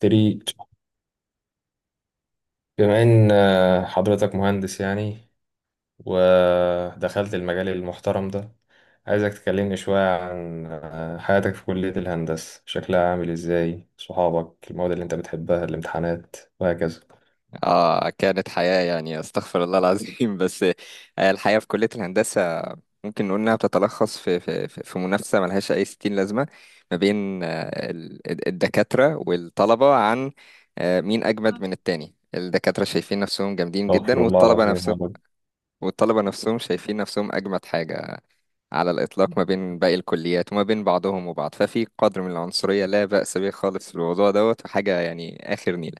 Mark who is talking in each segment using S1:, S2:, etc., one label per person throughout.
S1: تريد بما ان حضرتك مهندس يعني، ودخلت المجال المحترم ده. عايزك تكلمني شوية عن حياتك في كلية الهندسة، شكلها عامل ازاي، صحابك، المواد اللي انت بتحبها، الامتحانات وهكذا.
S2: اه كانت حياة يعني استغفر الله العظيم بس الحياة في كلية الهندسة ممكن نقول انها بتتلخص في منافسة ملهاش اي ستين لازمة ما بين الدكاترة والطلبة عن مين اجمد من التاني. الدكاترة شايفين نفسهم جامدين جدا
S1: استغفر الله
S2: والطلبة
S1: العظيم يا
S2: نفسهم
S1: رب.
S2: والطلبة نفسهم شايفين نفسهم اجمد حاجة على الاطلاق ما بين باقي الكليات وما بين بعضهم وبعض. ففي قدر من العنصرية لا بأس به خالص في الموضوع دوت وحاجة يعني اخر نيلة.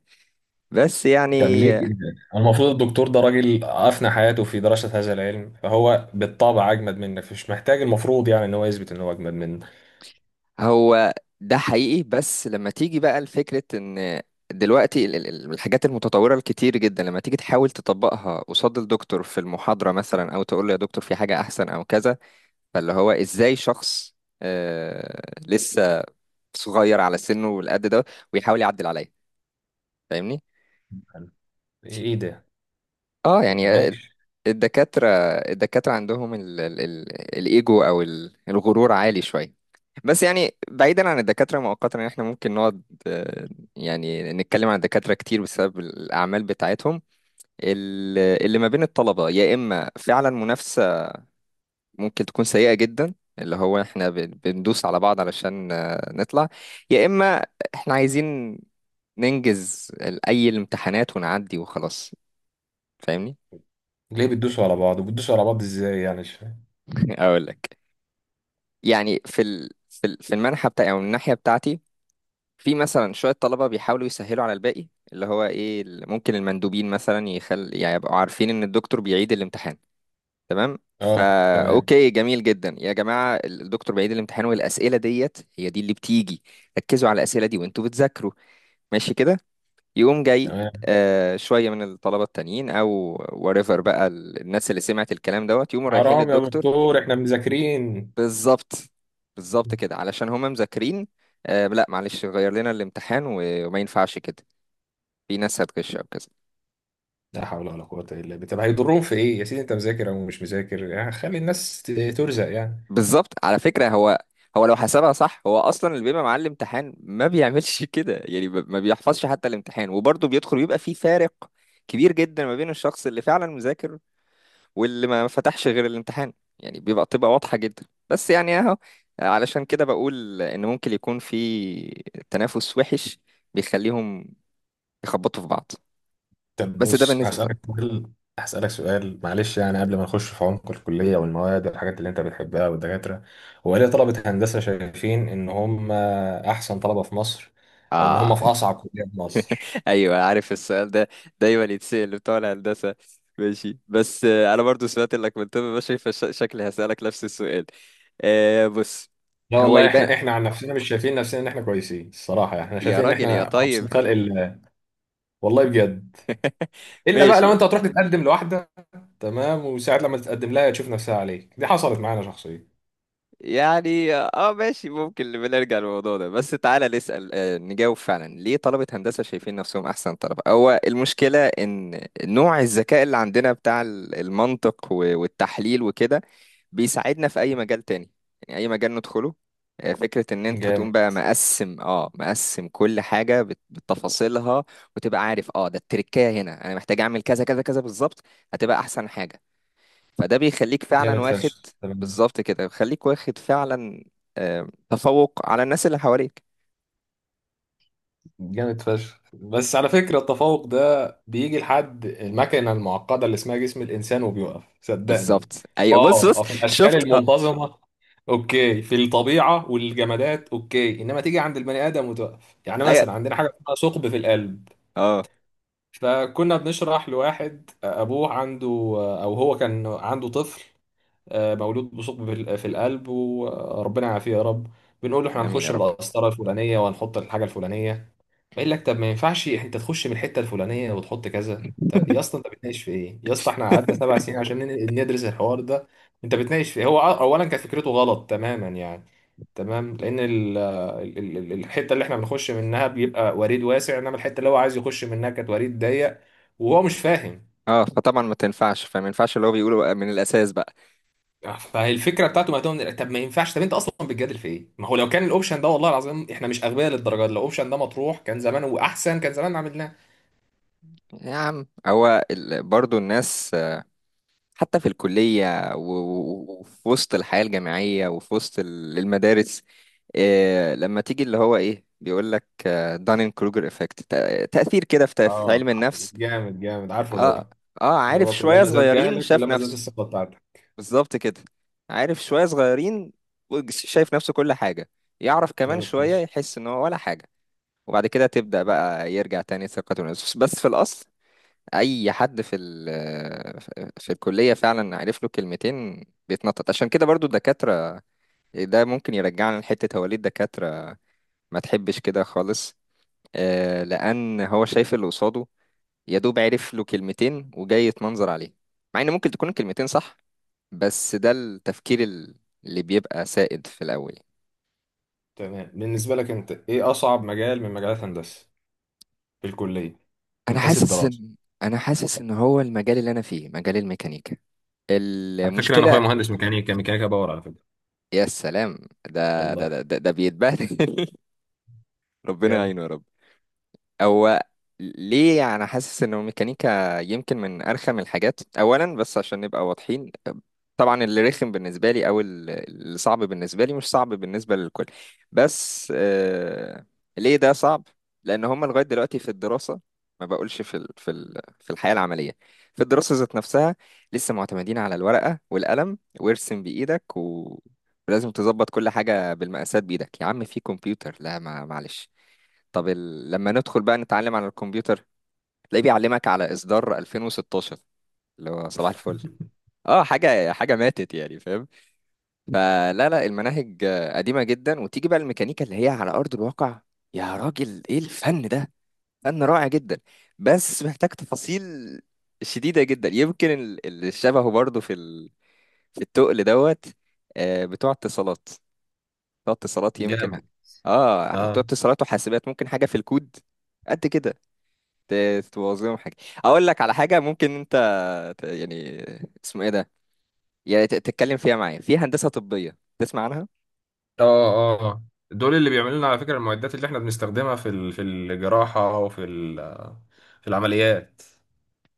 S2: بس
S1: طب
S2: يعني
S1: ليه كده؟ المفروض الدكتور ده راجل أفنى حياته في دراسة هذا العلم، فهو بالطبع أجمد منك، مش محتاج المفروض يعني إن هو يثبت إن هو أجمد منك.
S2: هو ده حقيقي، بس لما تيجي بقى لفكرة ان دلوقتي الحاجات المتطورة الكتير جدا لما تيجي تحاول تطبقها قصاد الدكتور في المحاضرة مثلا او تقول له يا دكتور في حاجة احسن او كذا، فاللي هو ازاي شخص لسه صغير على سنه والقد ده ويحاول يعدل عليا، فاهمني؟
S1: إيه
S2: اه
S1: ده؟
S2: يعني الدكاترة، الدكاترة عندهم ال ال ال الإيجو أو الغرور عالي شوية. بس يعني بعيدا عن الدكاترة مؤقتا، يعني احنا ممكن نقعد آه، يعني نتكلم عن الدكاترة كتير بسبب الأعمال بتاعتهم. اللي ما بين الطلبة يا إما فعلا منافسة ممكن تكون سيئة جدا، اللي هو احنا بندوس على بعض علشان نطلع، يا إما احنا عايزين ننجز أي الامتحانات ونعدي وخلاص. فاهمني؟
S1: ليه بتدوسوا على بعض، وبتدوسوا على بعض ازاي يعني؟ مش فاهم.
S2: أقول لك، يعني في المنحة بتاعي او الناحية بتاعتي، في مثلا شوية طلبة بيحاولوا يسهلوا على الباقي، اللي هو ايه ممكن المندوبين مثلا يخل يعني يبقوا عارفين ان الدكتور بيعيد الامتحان. تمام،
S1: اه،
S2: فا
S1: تمام.
S2: اوكي، جميل جدا يا جماعة، الدكتور بيعيد الامتحان والاسئلة ديت هي دي اللي بتيجي. ركزوا على الاسئلة دي وانتوا بتذاكروا. ماشي كده. يقوم جاي
S1: تمام.
S2: شوية من الطلبة التانيين او وريفر بقى الناس اللي سمعت الكلام دوت، يقوموا رايحين
S1: حرام يا
S2: للدكتور.
S1: دكتور احنا مذاكرين.
S2: بالظبط. بالظبط كده، علشان هما مذاكرين، آه لا معلش غير لنا الامتحان وما ينفعش كده، في ناس هتغش او كذا.
S1: لا حول ولا قوة الا بالله. طب هيضرهم في ايه يا سيدي؟ انت مذاكر او مش مذاكر، يعني خلي الناس ترزق يعني.
S2: بالظبط. على فكرة هو، هو لو حسبها صح هو اصلا اللي بيبقى معاه الامتحان ما بيعملش كده، يعني ما بيحفظش حتى الامتحان وبرضه بيدخل، ويبقى في فارق كبير جدا ما بين الشخص اللي فعلا مذاكر واللي ما فتحش غير الامتحان، يعني تبقى واضحة جدا. بس يعني اهو، علشان كده بقول ان ممكن يكون في تنافس وحش بيخليهم يخبطوا في بعض.
S1: طب
S2: بس ده
S1: بص
S2: بالنسبة طبعا.
S1: هسألك سؤال. هسألك سؤال معلش، يعني قبل ما نخش في عمق الكلية والمواد والحاجات اللي انت بتحبها والدكاترة، هو ليه طلبة هندسة شايفين ان هم احسن طلبة في مصر، او ان هم
S2: اه.
S1: في اصعب كلية في مصر؟
S2: ايوه، عارف السؤال ده دايما يتسأل بتوع الهندسة. ماشي، بس آه انا برضو سمعت انك من طب بشري، فشكلي هسألك نفس السؤال. آه بص،
S1: لا
S2: هو
S1: والله،
S2: يبقى
S1: احنا احنا عن نفسنا مش شايفين نفسنا ان احنا كويسين الصراحه، يعني احنا
S2: يا
S1: شايفين ان
S2: راجل يا
S1: احنا
S2: طيب.
S1: ابسط خلق الله. والله بجد. الا بقى
S2: ماشي
S1: لو انت
S2: يعني.
S1: هتروح تتقدم لواحده، تمام، وساعات لما تتقدم لها تشوف نفسها عليك، دي حصلت معانا شخصيا.
S2: يعني اه ماشي، ممكن بنرجع للموضوع ده، بس تعالى نسأل نجاوب فعلا ليه طلبة هندسة شايفين نفسهم أحسن طلبة. هو المشكلة إن نوع الذكاء اللي عندنا بتاع المنطق والتحليل وكده بيساعدنا في أي مجال تاني، يعني أي مجال ندخله. فكرة إن أنت تقوم
S1: جامد.
S2: بقى مقسم اه مقسم كل حاجة بتفاصيلها، وتبقى عارف اه ده التركاية هنا أنا محتاج أعمل كذا كذا كذا بالظبط، هتبقى أحسن حاجة. فده بيخليك فعلا
S1: جامد
S2: واخد،
S1: فشخ تمام.
S2: بالظبط كده بيخليك واخد فعلا تفوق على الناس اللي حواليك.
S1: جامد فشخ. بس على فكره التفوق ده بيجي لحد المكنه المعقده اللي اسمها جسم الانسان وبيوقف، صدقني.
S2: بالظبط. ايوه بص
S1: اه
S2: بص،
S1: اه، في الاشكال
S2: شفت اه.
S1: المنتظمه اوكي، في الطبيعه والجمادات اوكي، انما تيجي عند البني ادم وتقف. يعني
S2: ايوه.
S1: مثلا عندنا حاجه اسمها ثقب في القلب.
S2: اه.
S1: فكنا بنشرح لواحد ابوه عنده، او هو كان عنده طفل مولود بثقب في القلب، وربنا يعافيه يا رب. بنقول له احنا
S2: امين يا
S1: هنخش
S2: رب.
S1: بالقسطره الفلانيه وهنحط الحاجه الفلانيه. بقول لك طب ما ينفعش انت تخش من الحته الفلانيه وتحط كذا. طب يا اسطى انت بتناقش في ايه؟ يا اسطى احنا قعدنا سبع سنين عشان ندرس الحوار ده. انت بتناقش في ايه؟ هو اولا كانت فكرته غلط تماما يعني. تمام، لان ال الحته اللي احنا بنخش منها بيبقى وريد واسع، انما الحته اللي هو عايز يخش منها كانت وريد ضيق، وهو مش فاهم.
S2: اه فطبعا ما تنفعش، فما ينفعش اللي هو بيقوله بقى من الاساس بقى.
S1: فالفكره بتاعته مهتمه، طب ما ينفعش. طب انت اصلا بتجادل في ايه؟ ما هو لو كان الاوبشن ده، والله العظيم احنا مش اغبياء للدرجه دي، لو الاوبشن ده مطروح كان زمان، واحسن، كان زمان عملناه.
S2: يا عم هو برضو الناس حتى في الكليه وفي وسط الحياه الجامعيه وفي وسط المدارس، لما تيجي اللي هو ايه بيقول لك دانين كروجر افكت، تاثير كده في
S1: اه.
S2: علم النفس.
S1: جامد جامد، عارفه
S2: اه.
S1: ده.
S2: اه
S1: اللي
S2: عارف
S1: هو
S2: شوية
S1: كلما زاد
S2: صغيرين
S1: جهلك
S2: شاف
S1: كلما زادت
S2: نفسه.
S1: الثقة بتاعتك.
S2: بالظبط كده. عارف شوية صغيرين شايف نفسه كل حاجة، يعرف كمان
S1: جامد
S2: شوية
S1: فشخ
S2: يحس ان هو ولا حاجة، وبعد كده تبدأ بقى يرجع تاني ثقته بنفسه. بس في الأصل أي حد في ال في الكلية فعلا عرف له كلمتين بيتنطط. عشان كده برضو الدكاترة، ده ممكن يرجعنا لحتة هو ليه الدكاترة ما تحبش كده خالص، لأن هو شايف اللي قصاده يا دوب عرف له كلمتين وجاي يتمنظر عليه، مع ان ممكن تكون الكلمتين صح، بس ده التفكير اللي بيبقى سائد في الاول.
S1: تمام. بالنسبة لك انت ايه اصعب مجال من مجالات هندسة في الكلية، من
S2: انا
S1: حيث
S2: حاسس
S1: الدراسة؟
S2: ان، انا حاسس ان هو المجال اللي انا فيه مجال الميكانيكا،
S1: على فكرة انا
S2: المشكلة.
S1: اخويا مهندس ميكانيكا، ميكانيكا باور على فكرة.
S2: يا سلام، ده ده
S1: والله.
S2: ده ده, ده بيتبهدل. ربنا
S1: جامد.
S2: يعينه يا رب. هو ليه انا حاسس ان الميكانيكا يمكن من ارخم الحاجات؟ اولا، بس عشان نبقى واضحين، طبعا اللي رخم بالنسبه لي او اللي صعب بالنسبه لي مش صعب بالنسبه للكل، بس آه. ليه ده صعب؟ لان هم لغايه دلوقتي في الدراسه، ما بقولش في ال في ال في الحياه العمليه، في الدراسه ذات نفسها، لسه معتمدين على الورقه والقلم وارسم بايدك و... ولازم تظبط كل حاجه بالمقاسات بايدك، يا عم في كمبيوتر. لا ما معلش، طب لما ندخل بقى نتعلم على الكمبيوتر، تلاقيه بيعلمك على إصدار 2016، اللي هو صباح الفل، اه حاجة حاجة ماتت يعني، فاهم؟ فلا لا المناهج قديمة جدا. وتيجي بقى الميكانيكا اللي هي على أرض الواقع، يا راجل ايه الفن ده، فن رائع جدا بس محتاج تفاصيل شديدة جدا. يمكن اللي شبهه برضه في في التقل دوت بتوع اتصالات، بتوع اتصالات يمكن.
S1: جامد.
S2: اه بتوع
S1: اه
S2: اتصالات وحاسبات، ممكن حاجة في الكود قد كده تبوظ لهم حاجه. اقول لك على حاجه ممكن انت يعني اسمه ايه ده، يعني تتكلم فيها معايا، في هندسه طبيه تسمع عنها؟
S1: اه اه دول اللي بيعملوا لنا على فكرة المعدات اللي احنا بنستخدمها في في الجراحة وفي في العمليات.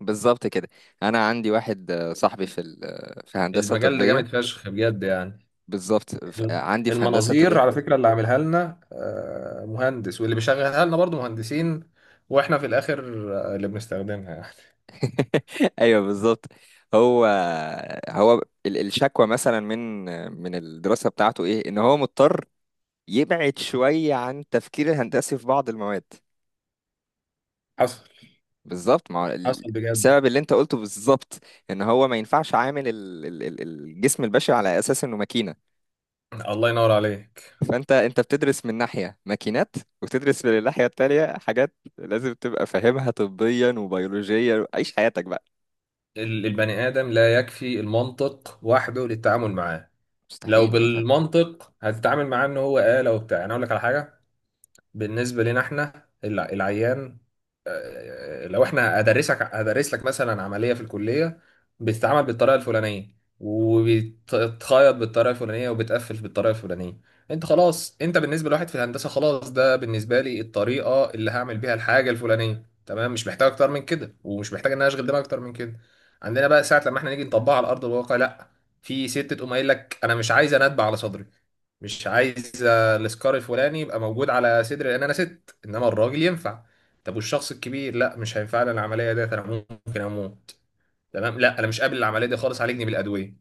S2: بالظبط كده. انا عندي واحد صاحبي في في هندسه
S1: المجال ده
S2: طبيه.
S1: جامد فشخ بجد يعني.
S2: بالظبط، عندي في هندسه
S1: المناظير
S2: طبيه.
S1: على فكرة اللي عاملها لنا مهندس، واللي بيشغلها لنا برضو مهندسين، واحنا في الاخر اللي بنستخدمها يعني
S2: ايوه بالظبط. هو، هو الشكوى مثلا من، الدراسه بتاعته ايه؟ ان هو مضطر يبعد شويه عن التفكير الهندسي في بعض المواد.
S1: حصل.
S2: بالظبط، ما هو
S1: حصل بجد.
S2: بسبب اللي انت قلته بالظبط، ان هو ما ينفعش عامل الجسم البشري على اساس انه ماكينه.
S1: الله ينور عليك.
S2: فانت، انت بتدرس من ناحيه ماكينات، وتدرس من الناحيه التانيه حاجات لازم تبقى فاهمها طبيا وبيولوجيا، عيش حياتك بقى.
S1: البني آدم لا يكفي المنطق وحده للتعامل معاه. لو
S2: مستحيل، ما ينفعش.
S1: بالمنطق هتتعامل معاه ان هو آلة وبتاع، انا اقول لك على حاجة. بالنسبة لنا احنا العيان، لو احنا هدرسك، هدرس لك مثلا عملية في الكلية بتتعمل بالطريقة الفلانية، وبتتخيط بالطريقة الفلانية، وبتقفل بالطريقة الفلانية. انت خلاص، انت بالنسبة لواحد في الهندسة خلاص ده بالنسبة لي الطريقة اللي هعمل بيها الحاجة الفلانية تمام، مش محتاج اكتر من كده، ومش محتاج ان انا اشغل دماغي اكتر من كده. عندنا بقى ساعة لما احنا نيجي نطبقها على ارض الواقع لا. في ست تقوم قايل لك انا مش عايز، انا اتبع على صدري مش عايز السكار الفلاني يبقى موجود على صدري لان انا ست، انما الراجل ينفع. طب والشخص الكبير لا مش هينفع لي العمليه ديت، انا ممكن اموت. تمام، لا انا مش قابل العمليه دي خالص، عالجني بالادويه.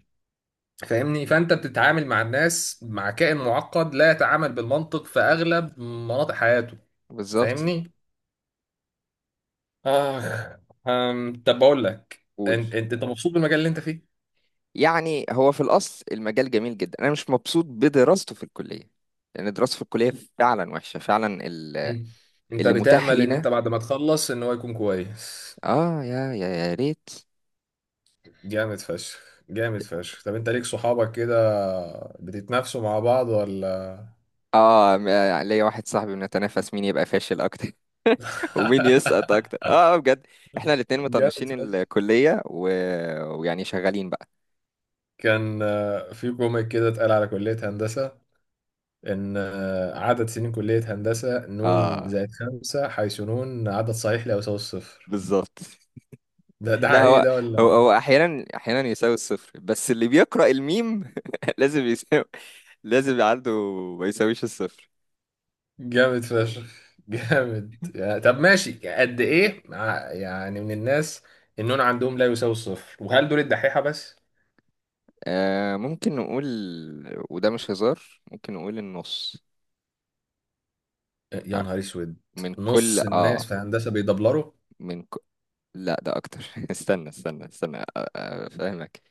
S1: فاهمني؟ فانت بتتعامل مع الناس، مع كائن معقد لا يتعامل بالمنطق في اغلب مناطق حياته.
S2: بالظبط.
S1: فاهمني؟ اخ. طب بقول لك،
S2: قول.
S1: انت أنت مبسوط بالمجال اللي انت فيه؟
S2: يعني هو في الاصل المجال جميل جدا، انا مش مبسوط بدراسته في الكليه، لان دراسته في الكليه فعلا وحشه فعلا،
S1: أيوة. انت
S2: اللي متاح
S1: بتأمل ان انت
S2: لينا.
S1: بعد ما تخلص ان هو يكون كويس؟
S2: اه، يا ريت.
S1: جامد فشخ. جامد فشخ. طب انت ليك صحابك كده بتتنافسوا مع بعض ولا؟
S2: اه ليا واحد صاحبي بنتنافس مين يبقى فاشل اكتر. ومين يسقط اكتر، اه بجد. احنا الاتنين
S1: جامد
S2: مطنشين
S1: فشخ.
S2: الكلية و... ويعني شغالين بقى.
S1: كان في كوميك كده اتقال على كلية هندسة، إن عدد سنين كلية هندسة نون
S2: اه
S1: زائد خمسة، حيث نون عدد صحيح لا يساوي الصفر.
S2: بالظبط.
S1: ده ده
S2: لا
S1: حقيقي
S2: هو،
S1: ده
S2: هو
S1: ولا؟
S2: احيانا، احيانا يساوي الصفر، بس اللي بيقرأ الميم لازم يساوي، لازم يبقى عنده، ما يساويش الصفر.
S1: جامد فشخ جامد يعني. طب ماشي، قد إيه مع- يعني من الناس النون عندهم لا يساوي الصفر، وهل دول الدحيحة بس؟
S2: آه ممكن نقول، وده مش هزار، ممكن نقول النص.
S1: يا نهار اسود.
S2: من كل
S1: نص الناس
S2: اه،
S1: في هندسه بيدبلروا؟
S2: من ك... لا ده اكتر. استنى استنى فاهمك.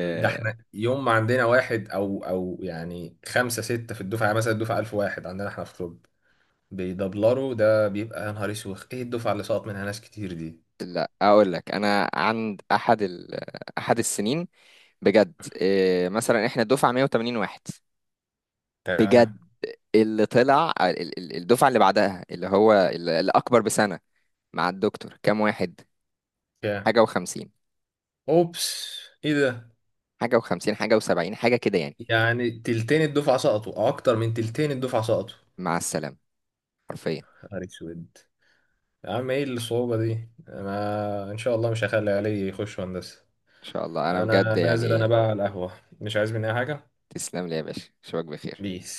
S1: ده احنا يوم ما عندنا واحد او او يعني خمسه سته في الدفعه، يعني مثلا الدفعه 1000 واحد عندنا احنا في طب بيدبلروا، ده بيبقى يا نهار اسود، ايه الدفعه اللي سقط منها ناس كتير دي.
S2: لا اقول لك، انا عند احد احد السنين بجد، إيه مثلا احنا دفعه 180 واحد بجد،
S1: تمام.
S2: اللي طلع الدفعه اللي بعدها اللي هو الاكبر بسنه مع الدكتور كام واحد؟
S1: كام؟
S2: حاجه و50،
S1: اوبس. ايه ده؟
S2: حاجه و50، حاجه و70، حاجه كده يعني.
S1: يعني تلتين الدفعه سقطوا او اكتر من تلتين الدفعه سقطوا؟
S2: مع السلامه حرفيا.
S1: يا نهار اسود. يا عم ايه الصعوبه دي، انا ان شاء الله مش هخلي علي يخش هندسه.
S2: ان شاء الله. انا
S1: انا
S2: بجد
S1: نازل انا
S2: يعني.
S1: بقى على القهوه، مش عايز مني أي حاجه.
S2: تسلم لي يا باشا، اشوفك بخير.
S1: بيس.